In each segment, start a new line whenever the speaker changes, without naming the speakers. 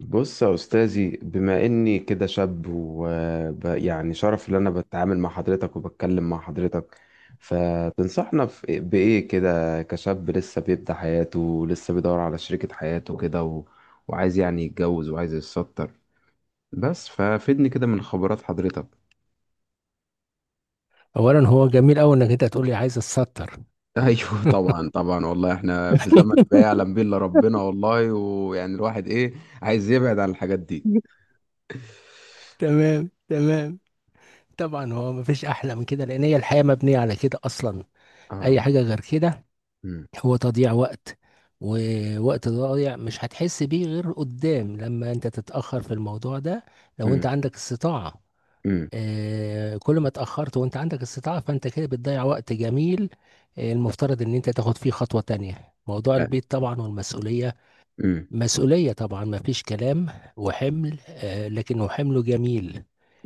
بص يا أستاذي، بما إني كده شاب، ويعني شرف إن أنا بتعامل مع حضرتك وبتكلم مع حضرتك. فتنصحنا بإيه كده كشاب لسه بيبدأ حياته، لسه بيدور على شريكة حياته كده وعايز يعني يتجوز، وعايز يتستر. بس ففيدني كده من خبرات حضرتك.
اولا، هو جميل قوي انك انت تقول لي عايز اتستر.
أيوه، طبعا طبعا، والله إحنا في زمن ما يعلم به إلا ربنا، والله ويعني الواحد إيه، عايز يبعد عن الحاجات دي.
تمام تمام. طبعا هو مفيش احلى من كده لان هي الحياه مبنيه على كده اصلا. اي
آه.
حاجه غير كده
أمم،
هو تضييع وقت. ووقت ضايع مش هتحس بيه غير قدام لما انت تتاخر في الموضوع ده، لو انت
أمم،
عندك استطاعه.
أمم،
آه، كل ما اتاخرت وانت عندك استطاعه فانت كده بتضيع وقت جميل. آه، المفترض ان انت تاخد فيه خطوه تانية. موضوع
آه،
البيت طبعا والمسؤوليه،
أمم.
مسؤولية طبعا ما فيش كلام. وحمل آه، لكنه حمل جميل.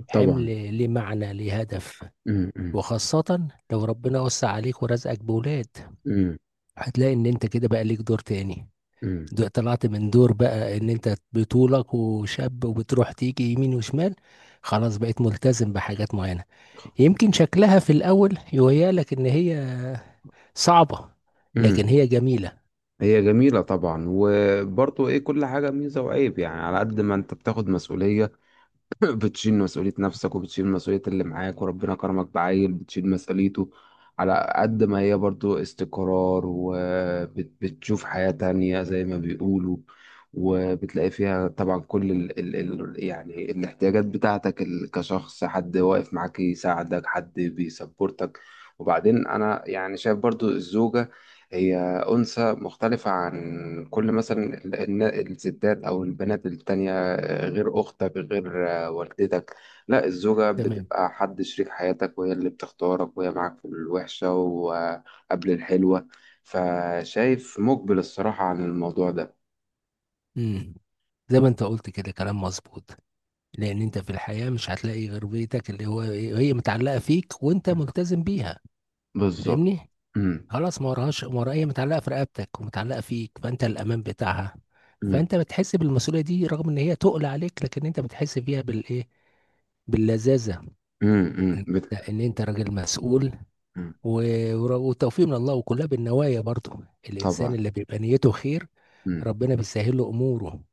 حمل
طبعا.
ليه معنى، ليه هدف.
امم، امم،
وخاصة لو ربنا وسع عليك ورزقك بولاد،
امم،
هتلاقي ان انت كده بقى ليك دور تاني.
امم.
طلعت من دور بقى ان انت بطولك وشاب وبتروح تيجي يمين وشمال. خلاص بقيت ملتزم بحاجات معينة. يمكن شكلها في الاول يهيألك ان هي صعبة، لكن
إمم.
هي جميلة.
هي جميلة طبعا. وبرضه ايه، كل حاجة ميزة وعيب، يعني على قد ما انت بتاخد مسؤولية، بتشيل مسؤولية نفسك، وبتشيل مسؤولية اللي معاك، وربنا كرمك بعيل بتشيل مسؤوليته. على قد ما هي برضو استقرار، وبتشوف حياة تانية زي ما بيقولوا. وبتلاقي فيها طبعا كل ال يعني الاحتياجات بتاعتك، كشخص، حد واقف معاك يساعدك، حد بيسبورتك. وبعدين أنا يعني شايف برضو الزوجة، هي أنثى مختلفة عن كل مثلا الستات أو البنات التانية، غير أختك، غير والدتك. لا، الزوجة
تمام.
بتبقى حد شريك حياتك، وهي اللي بتختارك، وهي معاك في الوحشة وقبل الحلوة. فشايف مقبل الصراحة عن الموضوع ده.
امم زي ما انت قلت كده كلام مظبوط. لان انت في الحياة مش هتلاقي غير بيتك اللي هو هي متعلقة فيك وانت
مم.
ملتزم بيها.
بالظبط.
فاهمني؟
مم.
خلاص، ما وراهاش، ما وراها، هي متعلقة في رقبتك ومتعلقة فيك، فانت الامان بتاعها.
مم.
فانت بتحس بالمسؤولية دي رغم ان هي تقل عليك، لكن انت بتحس بيها بالايه، باللذاذة.
مم. مم.
انت ان انت راجل مسؤول.
مم.
والتوفيق من الله، وكلها بالنوايا برضو. الإنسان
طبعا.
اللي بيبقى نيته خير
مم.
ربنا بيسهل له أموره.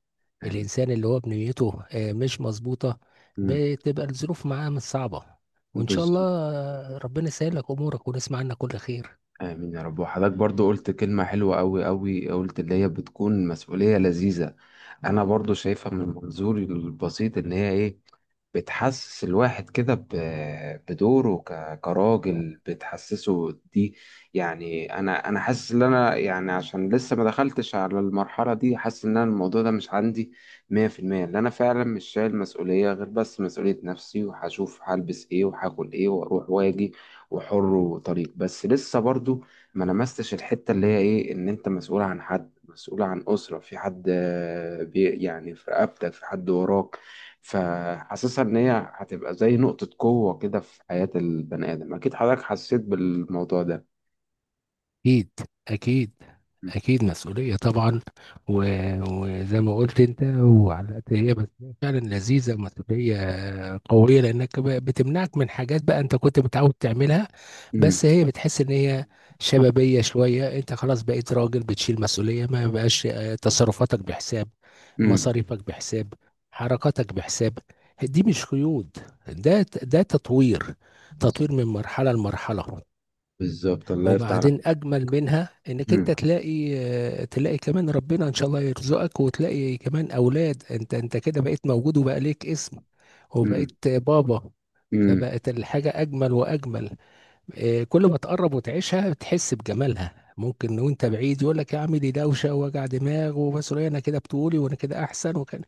آمين.
الإنسان اللي هو بنيته آه، مش مظبوطة،
مم.
بتبقى الظروف معاه مش صعبة. وإن شاء الله
بالظبط.
آه، ربنا يسهل لك أمورك ونسمع عنك كل خير.
آمين يا رب. وحضرتك برضو قلت كلمة حلوة أوي أوي، قلت اللي هي بتكون مسؤولية لذيذة. أنا برضو شايفها من منظوري البسيط إن هي إيه، بتحسس الواحد كده، بدوره كراجل، بتحسسه دي. يعني انا حاسس ان انا يعني عشان لسه ما دخلتش على المرحله دي، حاسس ان انا الموضوع ده مش عندي 100%. اللي انا فعلا مش شايل مسؤوليه غير بس مسؤوليه نفسي، وهشوف هلبس ايه وهاكل ايه واروح واجي، وحر وطريق، بس لسه برضو ما لمستش الحته اللي هي ايه، ان انت مسؤول عن حد، مسؤول عن اسره، في حد آه، بي يعني في رقبتك، في حد وراك. فحاسسها ان هي هتبقى زي نقطة قوة كده في حياة البني آدم. اكيد حضرتك حسيت بالموضوع ده.
اكيد، اكيد، اكيد مسؤوليه طبعا. و... وزي ما قلت انت، وعلى قد هي مسؤوليه فعلا لذيذه ومسؤوليه قويه، لانك بتمنعك من حاجات بقى انت كنت متعود تعملها.
مم.
بس هي بتحس ان هي شبابيه شويه. انت خلاص بقيت راجل بتشيل مسؤوليه، ما بقاش آه، تصرفاتك بحساب،
مم.
مصاريفك بحساب، حركاتك بحساب. دي مش قيود. ده تطوير، تطوير من مرحله لمرحله.
بالظبط، الله يفتح عليك.
وبعدين اجمل منها انك
مم.
انت تلاقي كمان ربنا ان شاء الله يرزقك، وتلاقي كمان اولاد. انت كده بقيت موجود وبقى ليك اسم وبقيت بابا.
مم.
فبقت الحاجة اجمل واجمل. آه، كل ما تقرب وتعيشها تحس بجمالها. ممكن وانت بعيد يقول لك يا عم دي دوشة ووجع دماغ ومسؤولية، انا كده بتقولي وانا كده احسن وكان.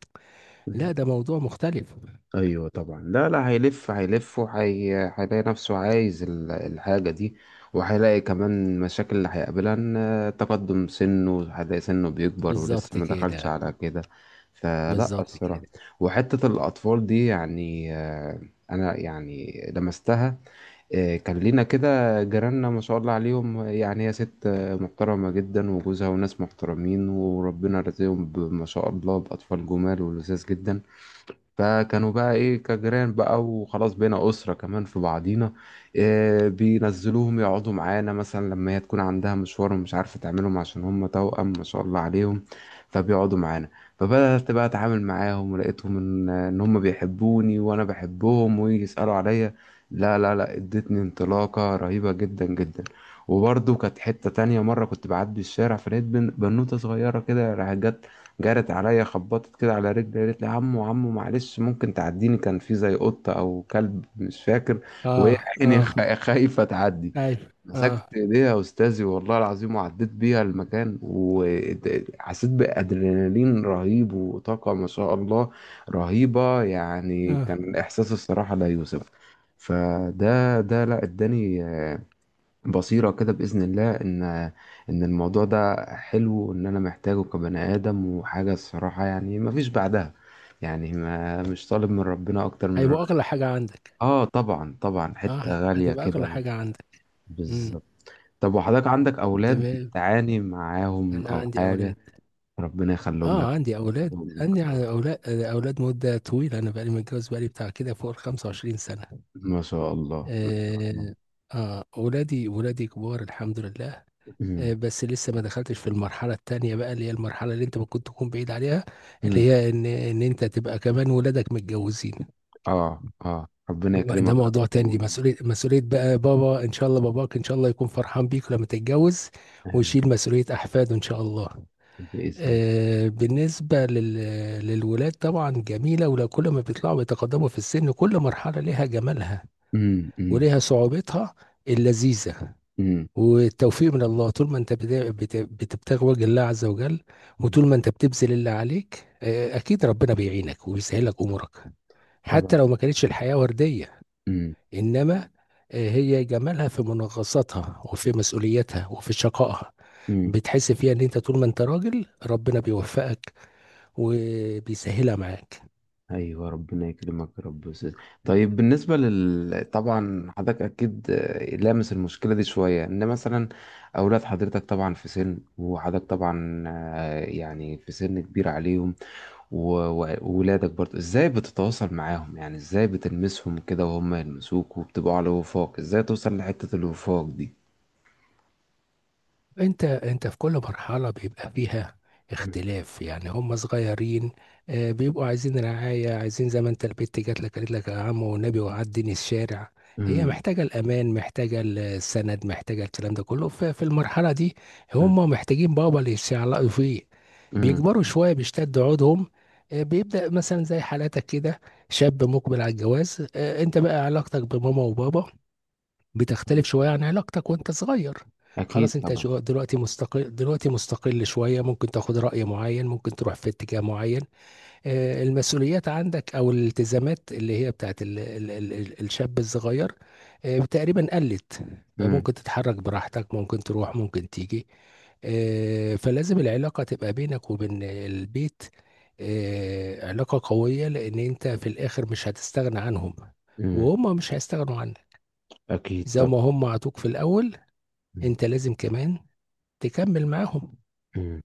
مم.
لا، ده موضوع مختلف.
ايوه طبعا، لا لا، هيلف هيلف وهي هيلاقي نفسه عايز الحاجه دي. وهيلاقي كمان مشاكل اللي هيقابلها، ان تقدم سنه، هيلاقي سنه بيكبر ولسه
بالظبط
ما دخلش
كده،
على كده. فلا
بالظبط
الصراحه.
كده.
وحته الاطفال دي يعني. انا يعني لمستها. كان لينا كده، جيراننا ما شاء الله عليهم، يعني هي ست محترمه جدا وجوزها وناس محترمين، وربنا رزقهم ما شاء الله باطفال جمال ولذاذ جدا. فكانوا بقى ايه كجيران بقى، وخلاص بينا اسره كمان في بعضينا. إيه، بينزلوهم يقعدوا معانا مثلا لما هي تكون عندها مشوار، ومش عارفه تعملهم عشان هم توأم ما شاء الله عليهم. فبيقعدوا معانا. فبدأت بقى اتعامل معاهم، ولقيتهم ان هم بيحبوني وانا بحبهم، ويجي يسألوا عليا. لا، لا، لا، ادتني انطلاقه رهيبه جدا جدا. وبرضه كانت حتة تانية، مرة كنت بعدي الشارع فلقيت بنوتة صغيرة كده راحت جت، جرت عليا، خبطت كده على رجلي، قالت لي: عمو عمو معلش ممكن تعديني، كان في زي قطة أو كلب مش فاكر،
اه،
وهي عيني
اه.
خايفة تعدي.
ايوه،
مسكت
اه،
إيديها يا أستاذي، والله العظيم، وعديت بيها المكان، وحسيت بأدرينالين رهيب وطاقة ما شاء الله رهيبة. يعني
اه.
كان إحساس الصراحة لا يوصف. فده لا اداني بصيرة كده بإذن الله، إن الموضوع ده حلو، وإن أنا محتاجه كبني آدم، وحاجة الصراحة يعني مفيش بعدها. يعني ما مش طالب من ربنا أكتر من
هيبقى
ربنا.
اغلى حاجة عندك.
آه طبعا طبعا،
اه،
حتة غالية
هتبقى اغلى
كده.
حاجة عندك. امم.
بالظبط. طب وحضرتك عندك أولاد
تمام.
بتعاني معاهم
انا
أو
عندي
حاجة؟
اولاد.
ربنا يخليهم لك.
اه، عندي اولاد.
يحفظهم لك.
عندي على
آه.
اولاد، اولاد مدة طويلة. انا بقالي متجوز، بقالي بتاع كده فوق ال 25 سنة.
ما شاء الله، ما شاء الله.
اه، اه، ولادي ولادي كبار الحمد لله. آه،
أمم،
بس لسه ما دخلتش في المرحلة التانية بقى، اللي هي المرحلة اللي انت ممكن تكون بعيد عليها، اللي
أمم.
هي ان انت تبقى كمان ولادك متجوزين.
آه، آه، ربنا
ده
يكرمك يا
موضوع
رب
تاني.
و-
دي مسؤولية، مسؤولية بقى بابا. ان شاء الله باباك ان شاء الله يكون فرحان بيك لما تتجوز،
آمين.
ويشيل مسؤولية أحفاده إن شاء الله.
بإذنك.
آه، بالنسبة للولاد طبعا جميلة، ولو كل ما بيطلعوا بيتقدموا في السن كل مرحلة لها جمالها،
أمم،
ولها صعوبتها اللذيذة.
أمم،
والتوفيق من الله طول ما انت بتبتغي وجه الله عز وجل.
أمم.
وطول ما انت بتبذل اللي عليك آه، اكيد ربنا بيعينك وبيسهلك امورك حتى
طبعا.
لو ما كانتش الحياة وردية.
امم،
انما آه، هي جمالها في منغصاتها وفي مسؤوليتها وفي شقائها.
امم.
بتحس فيها ان انت طول ما انت راجل ربنا بيوفقك وبيسهلها معاك.
ايوه ربنا يكرمك يا رب يا أستاذ. طيب بالنسبه طبعا، حضرتك اكيد لامس المشكله دي شويه، ان مثلا اولاد حضرتك طبعا في سن، وحضرتك طبعا يعني في سن كبير عليهم. و- وولادك برضه ازاي بتتواصل معاهم، يعني ازاي بتلمسهم كده وهم يلمسوك، وبتبقوا على وفاق. ازاي توصل لحته الوفاق دي؟
انت في كل مرحلة بيبقى فيها
مم.
اختلاف، يعني هم صغيرين آه، بيبقوا عايزين رعاية، عايزين زي ما انت البت جات لك قالت لك يا عم والنبي وعدني الشارع. هي
مم.
محتاجة الأمان، محتاجة السند، محتاجة الكلام ده كله في المرحلة دي. هم محتاجين بابا اللي يتشعلقوا فيه.
مم.
بيكبروا شوية بيشتد عودهم. آه، بيبدأ مثلا زي حالاتك كده، شاب مقبل على الجواز. آه، انت بقى علاقتك بماما وبابا بتختلف
مم.
شوية عن علاقتك وانت صغير.
اكيد
خلاص انت
طبعا.
دلوقتي مستقل، دلوقتي مستقل شوية، ممكن تاخد رأي معين، ممكن تروح في اتجاه معين. آه، المسؤوليات عندك او الالتزامات اللي هي بتاعت ال ال ال ال الشاب الصغير آه، تقريبا قلت.
مم.
فممكن تتحرك براحتك، ممكن تروح، ممكن تيجي. آه، فلازم العلاقة تبقى بينك وبين البيت آه، علاقة قوية، لأن أنت في الآخر مش هتستغنى عنهم،
مم.
وهم مش هيستغنوا عنك.
اكيد
زي ما
طبعا.
هم عطوك في الاول،
مم.
انت لازم كمان تكمل معاهم.
مم.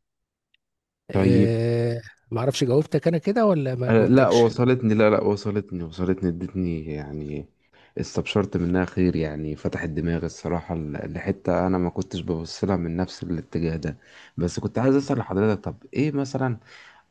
طيب.
آه. ما اعرفش جاوبتك انا كده ولا ما
أنا لا،
جاوبتكش؟
وصلتني، لا لا، وصلتني، وصلتني، ادتني يعني استبشرت منها خير، يعني فتحت دماغي الصراحة لحتة أنا ما كنتش ببص لها من نفس الاتجاه ده. بس كنت عايز أسأل لحضرتك، طب إيه مثلا،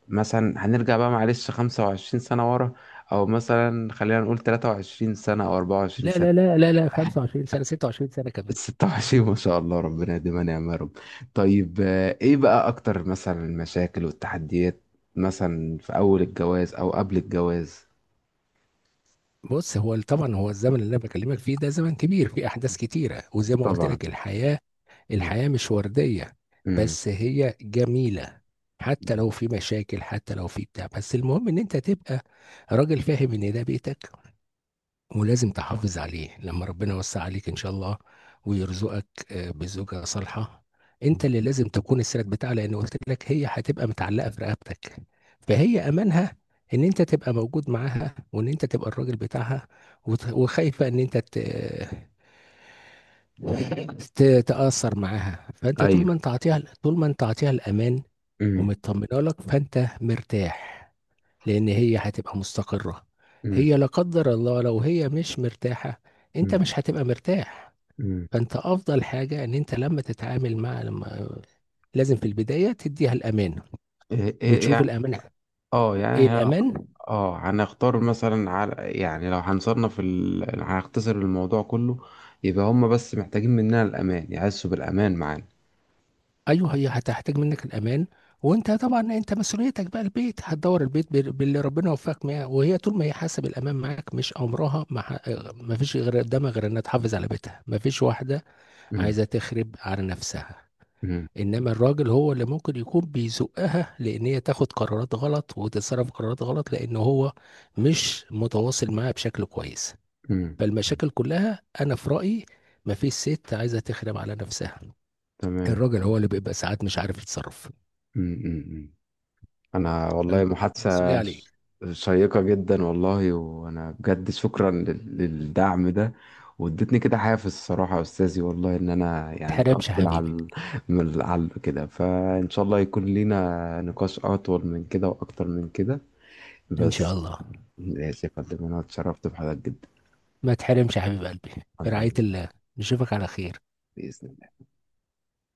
مثلا هنرجع بقى معلش 25 سنة ورا، أو مثلا خلينا نقول 23 سنة أو
لا
24 سنة.
لا لا لا لا، 25 سنه، 26 سنه
ال
كمان.
26 ما شاء الله، ربنا يديمها نعمة يا رب. طيب، ايه بقى اكتر مثلا المشاكل والتحديات، مثلا في اول الجواز او قبل الجواز؟
بص، هو طبعا هو الزمن اللي انا بكلمك فيه ده زمن كبير فيه احداث كتيره، وزي ما قلت
طبعا.
لك، الحياه
مم.
الحياه مش ورديه.
مم.
بس هي جميله، حتى
مم.
لو في مشاكل حتى لو في بتاع. بس المهم ان انت تبقى راجل فاهم ان ده بيتك، ولازم تحافظ عليه. لما ربنا يوسع عليك ان شاء الله ويرزقك آه، بزوجة صالحة، انت اللي لازم تكون السند بتاعها، لان قلت لك هي هتبقى متعلقة في رقبتك. فهي امانها ان انت تبقى موجود معاها، وان انت تبقى الراجل بتاعها. وخايفة ان انت تتأثر معاها. فانت
ايوه.
طول ما انت عطيها الامان
مم.
ومطمنه لك، فانت مرتاح، لان هي هتبقى مستقرة.
مم.
هي لا قدر الله لو هي مش مرتاحة، انت
مم.
مش هتبقى مرتاح.
مم.
فانت افضل حاجة ان انت لما تتعامل مع لما لازم في البداية تديها الامان
ايه، إيه، إيه،
وتشوف
يعني
الامان،
اه يعني
ايه الامان.
اه، هنختار مثلا على، يعني، لو هنصنف هنختصر الموضوع كله. يبقى هم بس محتاجين مننا الامان، يحسوا بالامان معانا.
ايوه، هي هتحتاج منك الامان. وانت طبعا، انت مسؤوليتك بقى البيت، هتدور البيت باللي ربنا وفقك معاه. وهي طول ما هي حاسه بالامان معاك مش امرها، ما فيش غير قدامها غير انها تحافظ على بيتها. ما فيش واحده
مم.
عايزه تخرب على نفسها.
مم.
انما الراجل هو اللي ممكن يكون بيزقها لان هي تاخد قرارات غلط وتتصرف قرارات غلط، لان هو مش متواصل معاها بشكل كويس.
مم.
فالمشاكل كلها انا في رايي مفيش ست عايزه تخدم على نفسها،
تمام.
الراجل هو اللي بيبقى ساعات مش عارف يتصرف،
مم. مم. انا والله
فالمسؤوليه
محادثة
عليك.
شيقة جدا، والله وانا بجد شكرا للدعم ده، وادتني كده حافز الصراحة يا استاذي، والله ان انا
ما
يعني
تحرمش يا
اقبل على
حبيبي.
على كده، فان شاء الله يكون لينا نقاش اطول من كده واكتر من كده.
ان شاء
بس.
الله.
ماشي يا فندم، انا اتشرفت بحضرتك جدا.
ما تحرمش يا حبيب قلبي.
الله
برعايه
يبارك.
الله، نشوفك على خير.
بإذن الله.